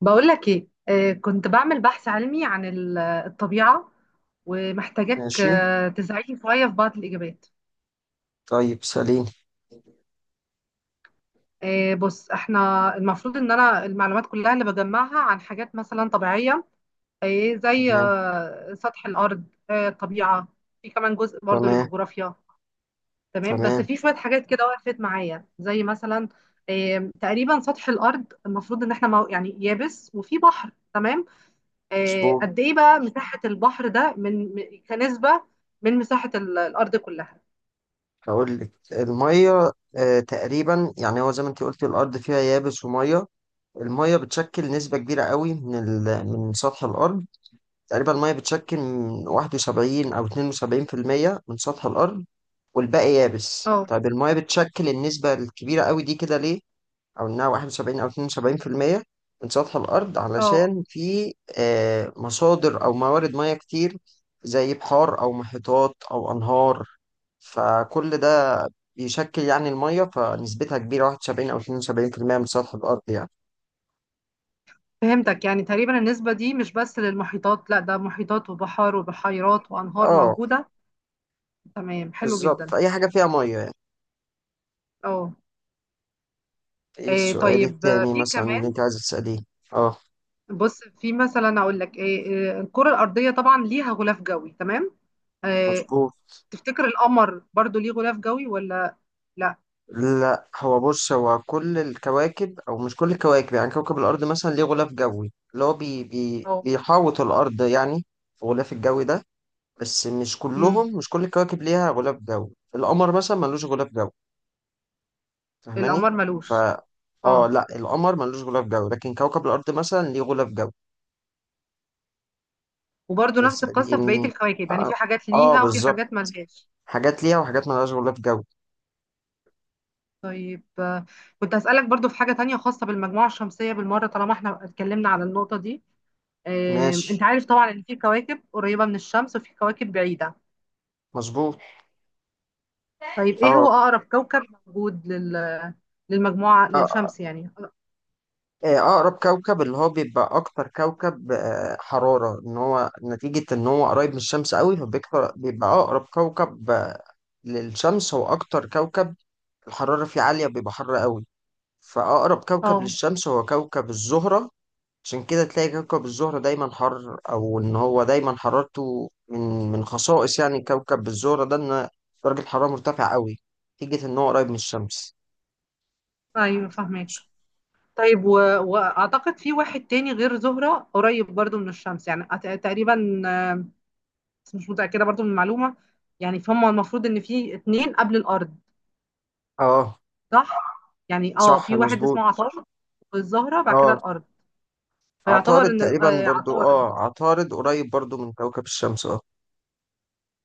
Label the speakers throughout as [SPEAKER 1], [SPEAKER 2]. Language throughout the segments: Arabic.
[SPEAKER 1] بقول لك ايه، كنت بعمل بحث علمي عن الطبيعة. ومحتاجاك
[SPEAKER 2] ماشي.
[SPEAKER 1] تساعدني شوية في بعض الإجابات.
[SPEAKER 2] طيب سليم.
[SPEAKER 1] بص، احنا المفروض ان انا المعلومات كلها اللي بجمعها عن حاجات مثلا طبيعية، زي
[SPEAKER 2] تمام.
[SPEAKER 1] سطح الأرض، الطبيعة. في كمان جزء برضو
[SPEAKER 2] تمام.
[SPEAKER 1] للجغرافيا. تمام، بس
[SPEAKER 2] تمام.
[SPEAKER 1] في شوية حاجات كده وقفت معايا، زي مثلا تقريبا سطح الأرض، المفروض ان احنا يعني يابس وفي بحر. تمام.
[SPEAKER 2] مظبوط.
[SPEAKER 1] قد ايه بقى مساحة البحر ده من كنسبة من مساحة الأرض كلها؟
[SPEAKER 2] هقول لك. المية تقريبا يعني هو زي ما انت قلت الأرض فيها يابس ومية. المية بتشكل نسبة كبيرة قوي من من سطح الأرض. تقريبا المية بتشكل من 71 أو 72% من سطح الأرض، والباقي يابس.
[SPEAKER 1] اه،
[SPEAKER 2] طيب، المية بتشكل النسبة الكبيرة قوي دي كده ليه؟ او انها 71 او 72% من سطح الارض
[SPEAKER 1] اه،
[SPEAKER 2] علشان في مصادر او موارد مياه كتير زي بحار او محيطات او انهار. فكل ده بيشكل يعني المية فنسبتها كبيرة، 71 أو 72% من سطح الأرض يعني.
[SPEAKER 1] فهمتك. يعني تقريبا النسبة دي مش بس للمحيطات، لا، ده محيطات وبحار وبحيرات وأنهار
[SPEAKER 2] اه،
[SPEAKER 1] موجودة. تمام، حلو
[SPEAKER 2] بالظبط،
[SPEAKER 1] جدا.
[SPEAKER 2] أي حاجة فيها مية يعني.
[SPEAKER 1] اه.
[SPEAKER 2] ايه السؤال
[SPEAKER 1] طيب،
[SPEAKER 2] التاني
[SPEAKER 1] في
[SPEAKER 2] مثلا اللي
[SPEAKER 1] كمان
[SPEAKER 2] أنت عايز تسأليه؟ اه
[SPEAKER 1] بص في مثلا أقول لك، الكرة الأرضية طبعا ليها غلاف جوي. تمام. آه،
[SPEAKER 2] مظبوط.
[SPEAKER 1] تفتكر القمر برضو ليه غلاف جوي ولا لا؟
[SPEAKER 2] لا، هو بص، هو كل الكواكب او مش كل الكواكب، يعني كوكب الارض مثلا ليه غلاف جوي اللي هو بي
[SPEAKER 1] اه.
[SPEAKER 2] بيحاوط الارض يعني. في غلاف الجوي ده، بس مش
[SPEAKER 1] مم،
[SPEAKER 2] كلهم، مش كل الكواكب ليها غلاف جوي. القمر مثلا ملوش غلاف جوي. فاهماني؟
[SPEAKER 1] القمر
[SPEAKER 2] ف
[SPEAKER 1] ملوش.
[SPEAKER 2] اه،
[SPEAKER 1] اه،
[SPEAKER 2] لا القمر ملوش غلاف جوي، لكن كوكب الارض مثلا ليه غلاف جوي.
[SPEAKER 1] وبرضه
[SPEAKER 2] مش
[SPEAKER 1] نفس القصة في بقية
[SPEAKER 2] يعني،
[SPEAKER 1] الكواكب، يعني
[SPEAKER 2] اه,
[SPEAKER 1] في حاجات ليها وفي
[SPEAKER 2] بالظبط.
[SPEAKER 1] حاجات ملهاش.
[SPEAKER 2] حاجات ليها وحاجات ملهاش غلاف جوي.
[SPEAKER 1] طيب، كنت هسألك برضه في حاجة تانية خاصة بالمجموعة الشمسية بالمرة، طالما احنا اتكلمنا على النقطة دي.
[SPEAKER 2] ماشي
[SPEAKER 1] انت عارف طبعا ان في كواكب قريبة من الشمس وفي كواكب بعيدة.
[SPEAKER 2] مظبوط.
[SPEAKER 1] طيب، ايه
[SPEAKER 2] اه.
[SPEAKER 1] هو أقرب كوكب موجود
[SPEAKER 2] آه.
[SPEAKER 1] للشمس يعني؟
[SPEAKER 2] أقرب كوكب اللي هو بيبقى أكتر كوكب حرارة، إن هو نتيجة إن هو قريب من الشمس قوي فبيكتر، بيبقى أقرب كوكب للشمس هو أكتر كوكب الحرارة فيه عالية، بيبقى حر قوي. فأقرب كوكب
[SPEAKER 1] اه.
[SPEAKER 2] للشمس هو كوكب الزهرة. عشان كده تلاقي كوكب الزهرة دايما حر، أو إن هو دايما حرارته من خصائص يعني كوكب الزهرة ده إن درجة حرارة مرتفعة قوي نتيجة إن هو قريب من الشمس.
[SPEAKER 1] ايوه، فاهمك. طيب، واعتقد في واحد تاني غير زهرة قريب برضه من الشمس، يعني تقريبا، بس مش متأكدة برضو من المعلومة. يعني، فهم المفروض ان في اتنين قبل الارض،
[SPEAKER 2] أه
[SPEAKER 1] صح؟ يعني اه،
[SPEAKER 2] صح
[SPEAKER 1] في واحد
[SPEAKER 2] مظبوط.
[SPEAKER 1] اسمه عطارد، والزهرة، بعد كده
[SPEAKER 2] اه،
[SPEAKER 1] الارض.
[SPEAKER 2] عطارد
[SPEAKER 1] فيعتبر ان
[SPEAKER 2] تقريبا برضو.
[SPEAKER 1] عطارد،
[SPEAKER 2] اه، عطارد قريب برضو من كوكب الشمس. اه.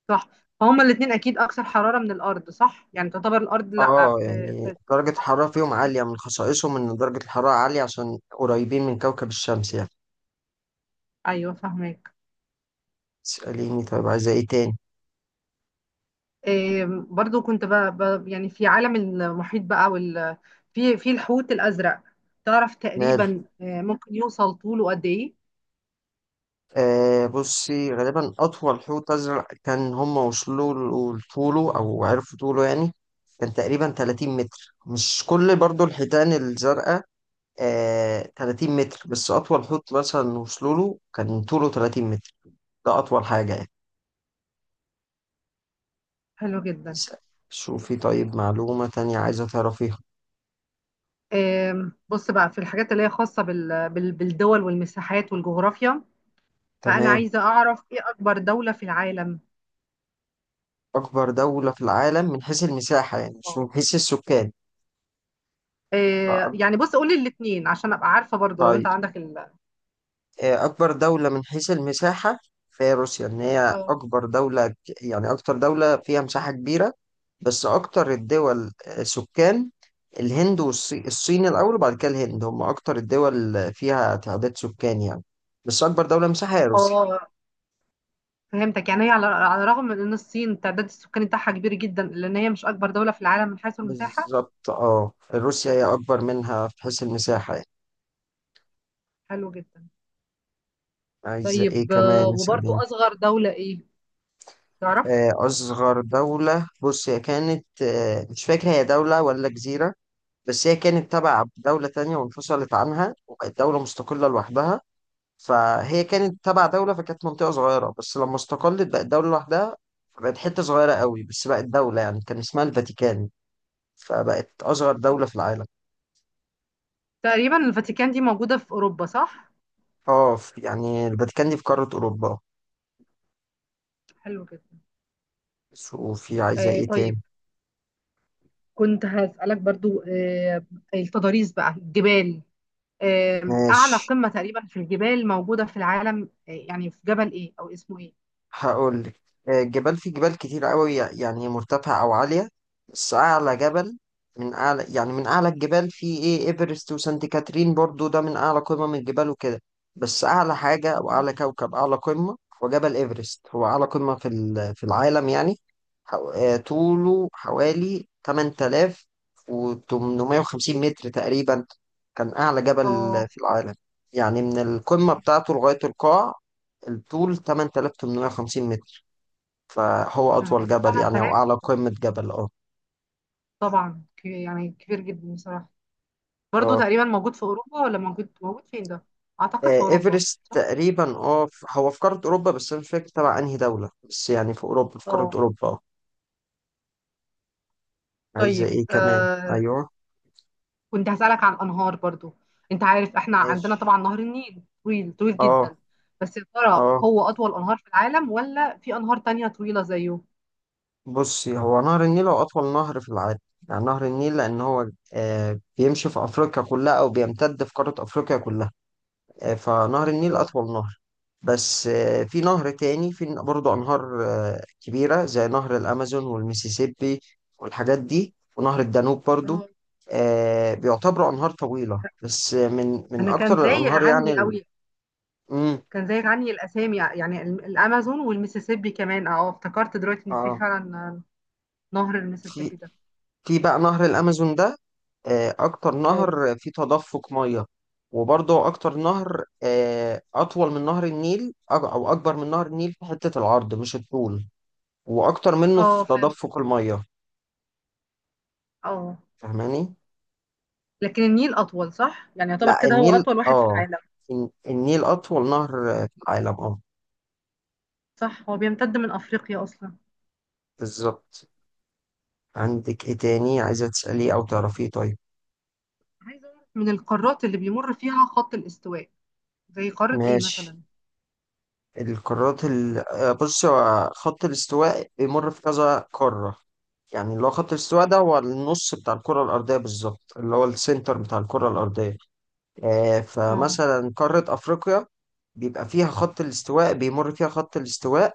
[SPEAKER 1] صح؟ فهما الاتنين اكيد اكثر حرارة من الارض، صح؟ يعني تعتبر الارض لا
[SPEAKER 2] اه،
[SPEAKER 1] في,
[SPEAKER 2] يعني
[SPEAKER 1] في
[SPEAKER 2] درجة الحرارة فيهم عالية، من خصائصهم إن درجة الحرارة عالية عشان قريبين من كوكب الشمس يعني.
[SPEAKER 1] ايوه، فاهمك.
[SPEAKER 2] اسأليني، طيب عايزة ايه تاني؟
[SPEAKER 1] إيه، برضو كنت يعني في عالم المحيط بقى في الحوت الازرق، تعرف
[SPEAKER 2] ماله.
[SPEAKER 1] تقريبا ممكن يوصل طوله قد ايه؟
[SPEAKER 2] بصي، غالبا أطول حوت أزرق كان هم وصلوا لطوله أو عرفوا طوله، يعني كان تقريبا 30 متر. مش كل برضو الحيتان الزرقاء آه 30 متر، بس أطول حوت مثلا وصلوا له كان طوله 30 متر. ده أطول حاجة يعني.
[SPEAKER 1] حلو جدا.
[SPEAKER 2] اسأل. شوفي، طيب، معلومة تانية عايزة تعرفيها.
[SPEAKER 1] بص بقى في الحاجات اللي هي خاصة بالدول والمساحات والجغرافيا، فأنا
[SPEAKER 2] تمام.
[SPEAKER 1] عايزة أعرف إيه أكبر دولة في العالم؟
[SPEAKER 2] أكبر دولة في العالم من حيث المساحة يعني مش
[SPEAKER 1] اه.
[SPEAKER 2] من حيث السكان. فأك-
[SPEAKER 1] يعني بص، قولي الاتنين عشان أبقى عارفة برضو، لو
[SPEAKER 2] طيب.
[SPEAKER 1] أنت عندك
[SPEAKER 2] أكبر دولة من حيث المساحة فهي روسيا، إن هي
[SPEAKER 1] اه،
[SPEAKER 2] أكبر دولة، يعني أكتر دولة فيها مساحة كبيرة. بس أكتر الدول سكان، الهند والصين، الصين الأول وبعد كده الهند، هم أكتر الدول فيها تعداد سكان يعني. بس أكبر دولة مساحة هي روسيا.
[SPEAKER 1] اه، فهمتك. يعني هي على الرغم من إن الصين تعداد السكاني بتاعها كبير جدا، لأن هي مش أكبر دولة في العالم من حيث المساحة.
[SPEAKER 2] بالظبط، اه روسيا هي أكبر منها في حيث المساحة.
[SPEAKER 1] حلو جدا.
[SPEAKER 2] عايزة ايه
[SPEAKER 1] طيب،
[SPEAKER 2] كمان؟
[SPEAKER 1] وبرضو
[SPEAKER 2] اسأليني.
[SPEAKER 1] أصغر دولة إيه، تعرف؟
[SPEAKER 2] أصغر دولة، بص، هي كانت مش فاكر هي دولة ولا جزيرة، بس هي كانت تبع دولة تانية وانفصلت عنها وبقت دولة مستقلة لوحدها. فهي كانت تبع دولة، فكانت منطقة صغيرة بس لما استقلت بقت دولة لوحدها. بقت حتة صغيرة قوي بس بقت دولة يعني. كان اسمها الفاتيكان، فبقت أصغر
[SPEAKER 1] آه.
[SPEAKER 2] دولة في العالم.
[SPEAKER 1] تقريبا الفاتيكان دي موجودة في أوروبا، صح؟
[SPEAKER 2] اه، في- يعني الفاتيكان دي في قارة أوروبا.
[SPEAKER 1] حلو جدا.
[SPEAKER 2] وفي عايزة ايه
[SPEAKER 1] طيب،
[SPEAKER 2] تاني؟
[SPEAKER 1] كنت هسألك برضو، التضاريس بقى، الجبال. أعلى
[SPEAKER 2] ماشي،
[SPEAKER 1] قمة تقريبا في الجبال موجودة في العالم، يعني في جبل إيه، أو اسمه إيه؟
[SPEAKER 2] هقول لك. الجبال، في جبال كتير قوي يعني مرتفعة أو عالية، بس أعلى جبل، من أعلى يعني من أعلى الجبال، في إيه، إيفرست وسانت كاترين برضو، ده من أعلى قمم من الجبال وكده. بس أعلى حاجة أو أعلى كوكب، أعلى قمة، هو جبل إيفرست. هو أعلى قمة في في العالم يعني. طوله حوالي 8850 متر تقريبا. كان أعلى جبل
[SPEAKER 1] اه.
[SPEAKER 2] في العالم يعني، من القمة بتاعته لغاية القاع الطول 8850 متر. فهو
[SPEAKER 1] يا
[SPEAKER 2] أطول
[SPEAKER 1] نهاري،
[SPEAKER 2] جبل يعني أو
[SPEAKER 1] 8000!
[SPEAKER 2] أعلى قمة جبل أه.
[SPEAKER 1] طبعا يعني كبير جدا بصراحة. برضو
[SPEAKER 2] أه.
[SPEAKER 1] تقريبا موجود في أوروبا، ولا موجود فين ده؟ أعتقد في
[SPEAKER 2] آه،
[SPEAKER 1] أوروبا،
[SPEAKER 2] إيفرست
[SPEAKER 1] صح؟
[SPEAKER 2] تقريبا. أه هو في قارة أوروبا، بس أنا مش فاكر تبع أنهي دولة، بس يعني في أوروبا، في قارة
[SPEAKER 1] اه.
[SPEAKER 2] أوروبا أه. عايزة
[SPEAKER 1] طيب،
[SPEAKER 2] إيه كمان؟ أيوه
[SPEAKER 1] كنت هسألك عن أنهار برضو. أنت عارف إحنا عندنا
[SPEAKER 2] ماشي.
[SPEAKER 1] طبعا نهر النيل طويل طويل
[SPEAKER 2] أه.
[SPEAKER 1] جدا، بس يا ترى
[SPEAKER 2] أه
[SPEAKER 1] هو أطول أنهار في العالم، ولا في أنهار تانية طويلة زيه؟
[SPEAKER 2] بصي، هو نهر النيل هو أطول نهر في العالم. يعني نهر النيل لأن هو آه بيمشي في أفريقيا كلها أو بيمتد في قارة أفريقيا كلها. فنهر النيل
[SPEAKER 1] اه.
[SPEAKER 2] أطول نهر. بس في نهر تاني، في برضه أنهار كبيرة زي نهر الأمازون والميسيسيبي والحاجات دي، ونهر الدانوب برضه.
[SPEAKER 1] أنا
[SPEAKER 2] بيعتبروا أنهار طويلة، بس من
[SPEAKER 1] أنا كان
[SPEAKER 2] أكتر
[SPEAKER 1] زايغ
[SPEAKER 2] الأنهار يعني
[SPEAKER 1] عني قوي،
[SPEAKER 2] مم،
[SPEAKER 1] كان زايغ عني الأسامي، يعني الأمازون والميسيسيبي كمان. افتكرت دلوقتي إن في
[SPEAKER 2] آه
[SPEAKER 1] فعلا نهر
[SPEAKER 2] في.
[SPEAKER 1] الميسيسيبي ده.
[SPEAKER 2] في بقى نهر الأمازون ده أكتر
[SPEAKER 1] اه،
[SPEAKER 2] نهر فيه تدفق مية. وبرضه أكتر نهر أطول من نهر النيل أو أو أكبر من نهر النيل في حتة العرض مش الطول، وأكتر منه
[SPEAKER 1] أه،
[SPEAKER 2] في
[SPEAKER 1] فهمت.
[SPEAKER 2] تدفق المية.
[SPEAKER 1] أه،
[SPEAKER 2] فاهماني؟
[SPEAKER 1] لكن النيل أطول، صح؟ يعني يعتبر
[SPEAKER 2] لا،
[SPEAKER 1] كده هو
[SPEAKER 2] النيل
[SPEAKER 1] أطول واحد في
[SPEAKER 2] اه،
[SPEAKER 1] العالم.
[SPEAKER 2] النيل اطول نهر في العالم اه.
[SPEAKER 1] صح، هو بيمتد من أفريقيا أصلا.
[SPEAKER 2] بالظبط. عندك ايه تاني عايزة تسأليه او تعرفيه؟ طيب
[SPEAKER 1] عايزة أعرف من القارات اللي بيمر فيها خط الاستواء، زي قارة ايه
[SPEAKER 2] ماشي.
[SPEAKER 1] مثلا؟
[SPEAKER 2] القارات ال... آه، بص، هو خط الاستواء بيمر في كذا قارة. يعني اللي هو خط الاستواء ده هو النص بتاع الكرة الأرضية بالظبط، اللي هو السنتر بتاع الكرة الأرضية. آه
[SPEAKER 1] اه،
[SPEAKER 2] فمثلا قارة أفريقيا بيبقى فيها خط الاستواء، بيمر فيها خط الاستواء.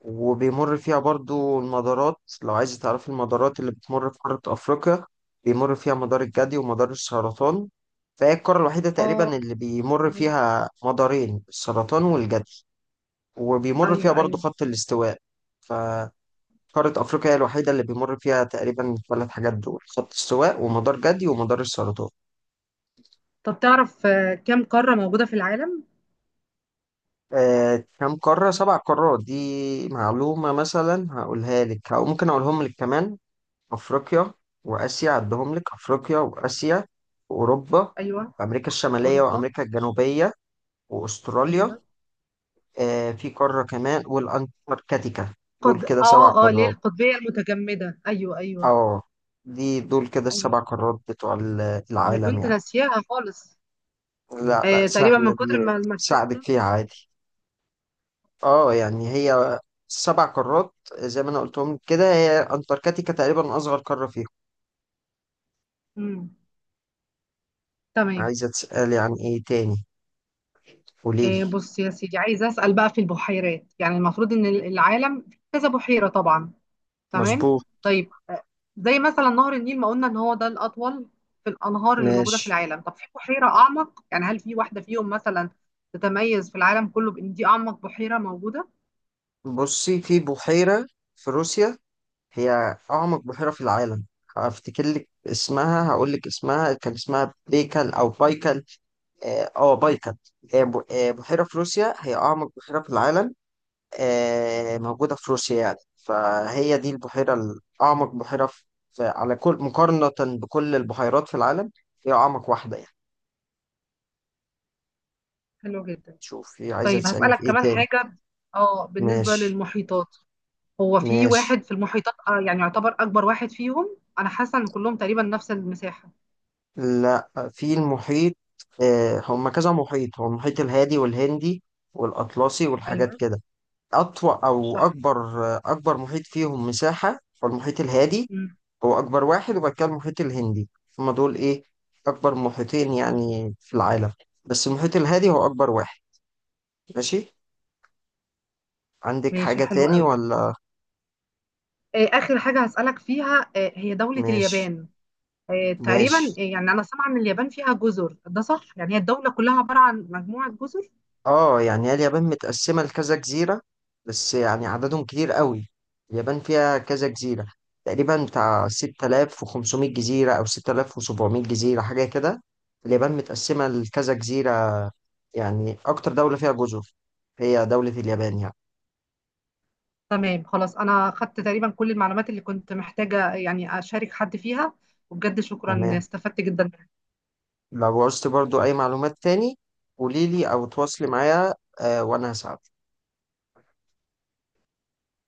[SPEAKER 2] وبيمر فيها برضو المدارات، لو عايز تعرف المدارات اللي بتمر في قارة أفريقيا، بيمر فيها مدار الجدي ومدار السرطان. فهي القارة الوحيدة تقريبا
[SPEAKER 1] اه.
[SPEAKER 2] اللي بيمر
[SPEAKER 1] تمام.
[SPEAKER 2] فيها مدارين السرطان والجدي، وبيمر فيها
[SPEAKER 1] ايوه،
[SPEAKER 2] برضو
[SPEAKER 1] ايوه.
[SPEAKER 2] خط الاستواء. فقارة أفريقيا هي الوحيدة اللي بيمر فيها تقريبا الثلاث حاجات دول: خط استواء ومدار جدي ومدار السرطان.
[SPEAKER 1] طب تعرف كم قارة موجودة في العالم؟
[SPEAKER 2] كم قارة؟ سبع قارات. دي معلومة مثلا هقولها لك، أو ممكن أقولهم لك كمان: أفريقيا وآسيا، عدهم لك، أفريقيا وآسيا وأوروبا
[SPEAKER 1] ايوه.
[SPEAKER 2] وأمريكا الشمالية
[SPEAKER 1] اوروبا.
[SPEAKER 2] وأمريكا الجنوبية وأستراليا،
[SPEAKER 1] ايوه.
[SPEAKER 2] آه في قارة كمان، والأنتاركتيكا. دول
[SPEAKER 1] قد،
[SPEAKER 2] كده سبع
[SPEAKER 1] اه، اه، ليه،
[SPEAKER 2] قارات.
[SPEAKER 1] القطبية المتجمدة، ايوه، ايوه.
[SPEAKER 2] أه، دي دول كده
[SPEAKER 1] ايوه،
[SPEAKER 2] السبع
[SPEAKER 1] صح،
[SPEAKER 2] قارات بتوع
[SPEAKER 1] انا
[SPEAKER 2] العالم
[SPEAKER 1] كنت
[SPEAKER 2] يعني.
[SPEAKER 1] ناسياها خالص.
[SPEAKER 2] لا،
[SPEAKER 1] تقريبا
[SPEAKER 2] سهلة
[SPEAKER 1] من كتر
[SPEAKER 2] دي،
[SPEAKER 1] ما المكان.
[SPEAKER 2] ساعدك فيها عادي. أه، يعني هي سبع قارات زي ما أنا قلتهم كده. هي أنتاركتيكا تقريبا أصغر قارة فيهم.
[SPEAKER 1] امم تمام.
[SPEAKER 2] عايزة تسألي عن إيه تاني؟ قوليلي.
[SPEAKER 1] بص يا سيدي، عايزة اسأل بقى في البحيرات. يعني المفروض ان العالم في كذا بحيرة طبعا. تمام.
[SPEAKER 2] مظبوط.
[SPEAKER 1] طيب، زي مثلا نهر النيل ما قلنا ان هو ده الاطول في الانهار اللي موجوده في
[SPEAKER 2] ماشي.
[SPEAKER 1] العالم، طب في بحيره اعمق؟ يعني هل في واحده فيهم مثلا تتميز في العالم كله بان دي اعمق بحيره موجوده؟
[SPEAKER 2] بصي، في بحيرة في روسيا هي أعمق بحيرة في العالم. هفتكر لك اسمها، هقول لك اسمها، كان اسمها بيكل أو بايكل. اه بايكل. بحيرة في روسيا هي أعمق بحيرة في العالم، موجودة في روسيا يعني. فهي دي البحيرة الأعمق بحيرة في في- على كل، مقارنة بكل البحيرات في العالم هي أعمق واحدة يعني.
[SPEAKER 1] حلو جدا.
[SPEAKER 2] شوفي، عايزة
[SPEAKER 1] طيب،
[SPEAKER 2] تسألي في
[SPEAKER 1] هسالك
[SPEAKER 2] إيه
[SPEAKER 1] كمان
[SPEAKER 2] تاني؟
[SPEAKER 1] حاجه، اه، بالنسبه
[SPEAKER 2] ماشي
[SPEAKER 1] للمحيطات. هو في
[SPEAKER 2] ماشي.
[SPEAKER 1] واحد في المحيطات يعني يعتبر اكبر واحد فيهم؟ انا حاسه ان كلهم تقريبا نفس المساحه.
[SPEAKER 2] لا في المحيط، هم كذا محيط، هو المحيط الهادي والهندي والأطلسي والحاجات
[SPEAKER 1] ايوه،
[SPEAKER 2] كده. أطول أو
[SPEAKER 1] صح.
[SPEAKER 2] أكبر، أكبر محيط فيهم مساحة هو المحيط الهادي.
[SPEAKER 1] مم.
[SPEAKER 2] هو أكبر واحد، وبعد كده المحيط الهندي. هما دول إيه، أكبر محيطين يعني في العالم، بس المحيط الهادي هو أكبر واحد. ماشي، عندك
[SPEAKER 1] ماشي،
[SPEAKER 2] حاجة
[SPEAKER 1] حلو
[SPEAKER 2] تاني
[SPEAKER 1] قوي.
[SPEAKER 2] ولا؟
[SPEAKER 1] اخر حاجه هسالك فيها، هي دوله
[SPEAKER 2] ماشي
[SPEAKER 1] اليابان. تقريبا
[SPEAKER 2] ماشي.
[SPEAKER 1] يعني انا سامعه ان اليابان فيها جزر، ده صح؟ يعني هي الدوله كلها عباره عن مجموعه جزر؟
[SPEAKER 2] اه يعني هي اليابان متقسمة لكذا جزيرة، بس يعني عددهم كتير قوي. اليابان فيها كذا جزيرة، تقريبا بتاع 6500 جزيرة أو 6700 جزيرة حاجة كده. اليابان متقسمة لكذا جزيرة يعني. أكتر دولة فيها جزر هي دولة اليابان يعني.
[SPEAKER 1] تمام، خلاص. انا خدت تقريبا كل المعلومات اللي كنت محتاجه يعني اشارك حد فيها. وبجد شكرا،
[SPEAKER 2] تمام.
[SPEAKER 1] استفدت جدا.
[SPEAKER 2] لو عوزت برضو أي معلومات تاني قوليلي، أو تواصلي معايا وأنا هساعدك.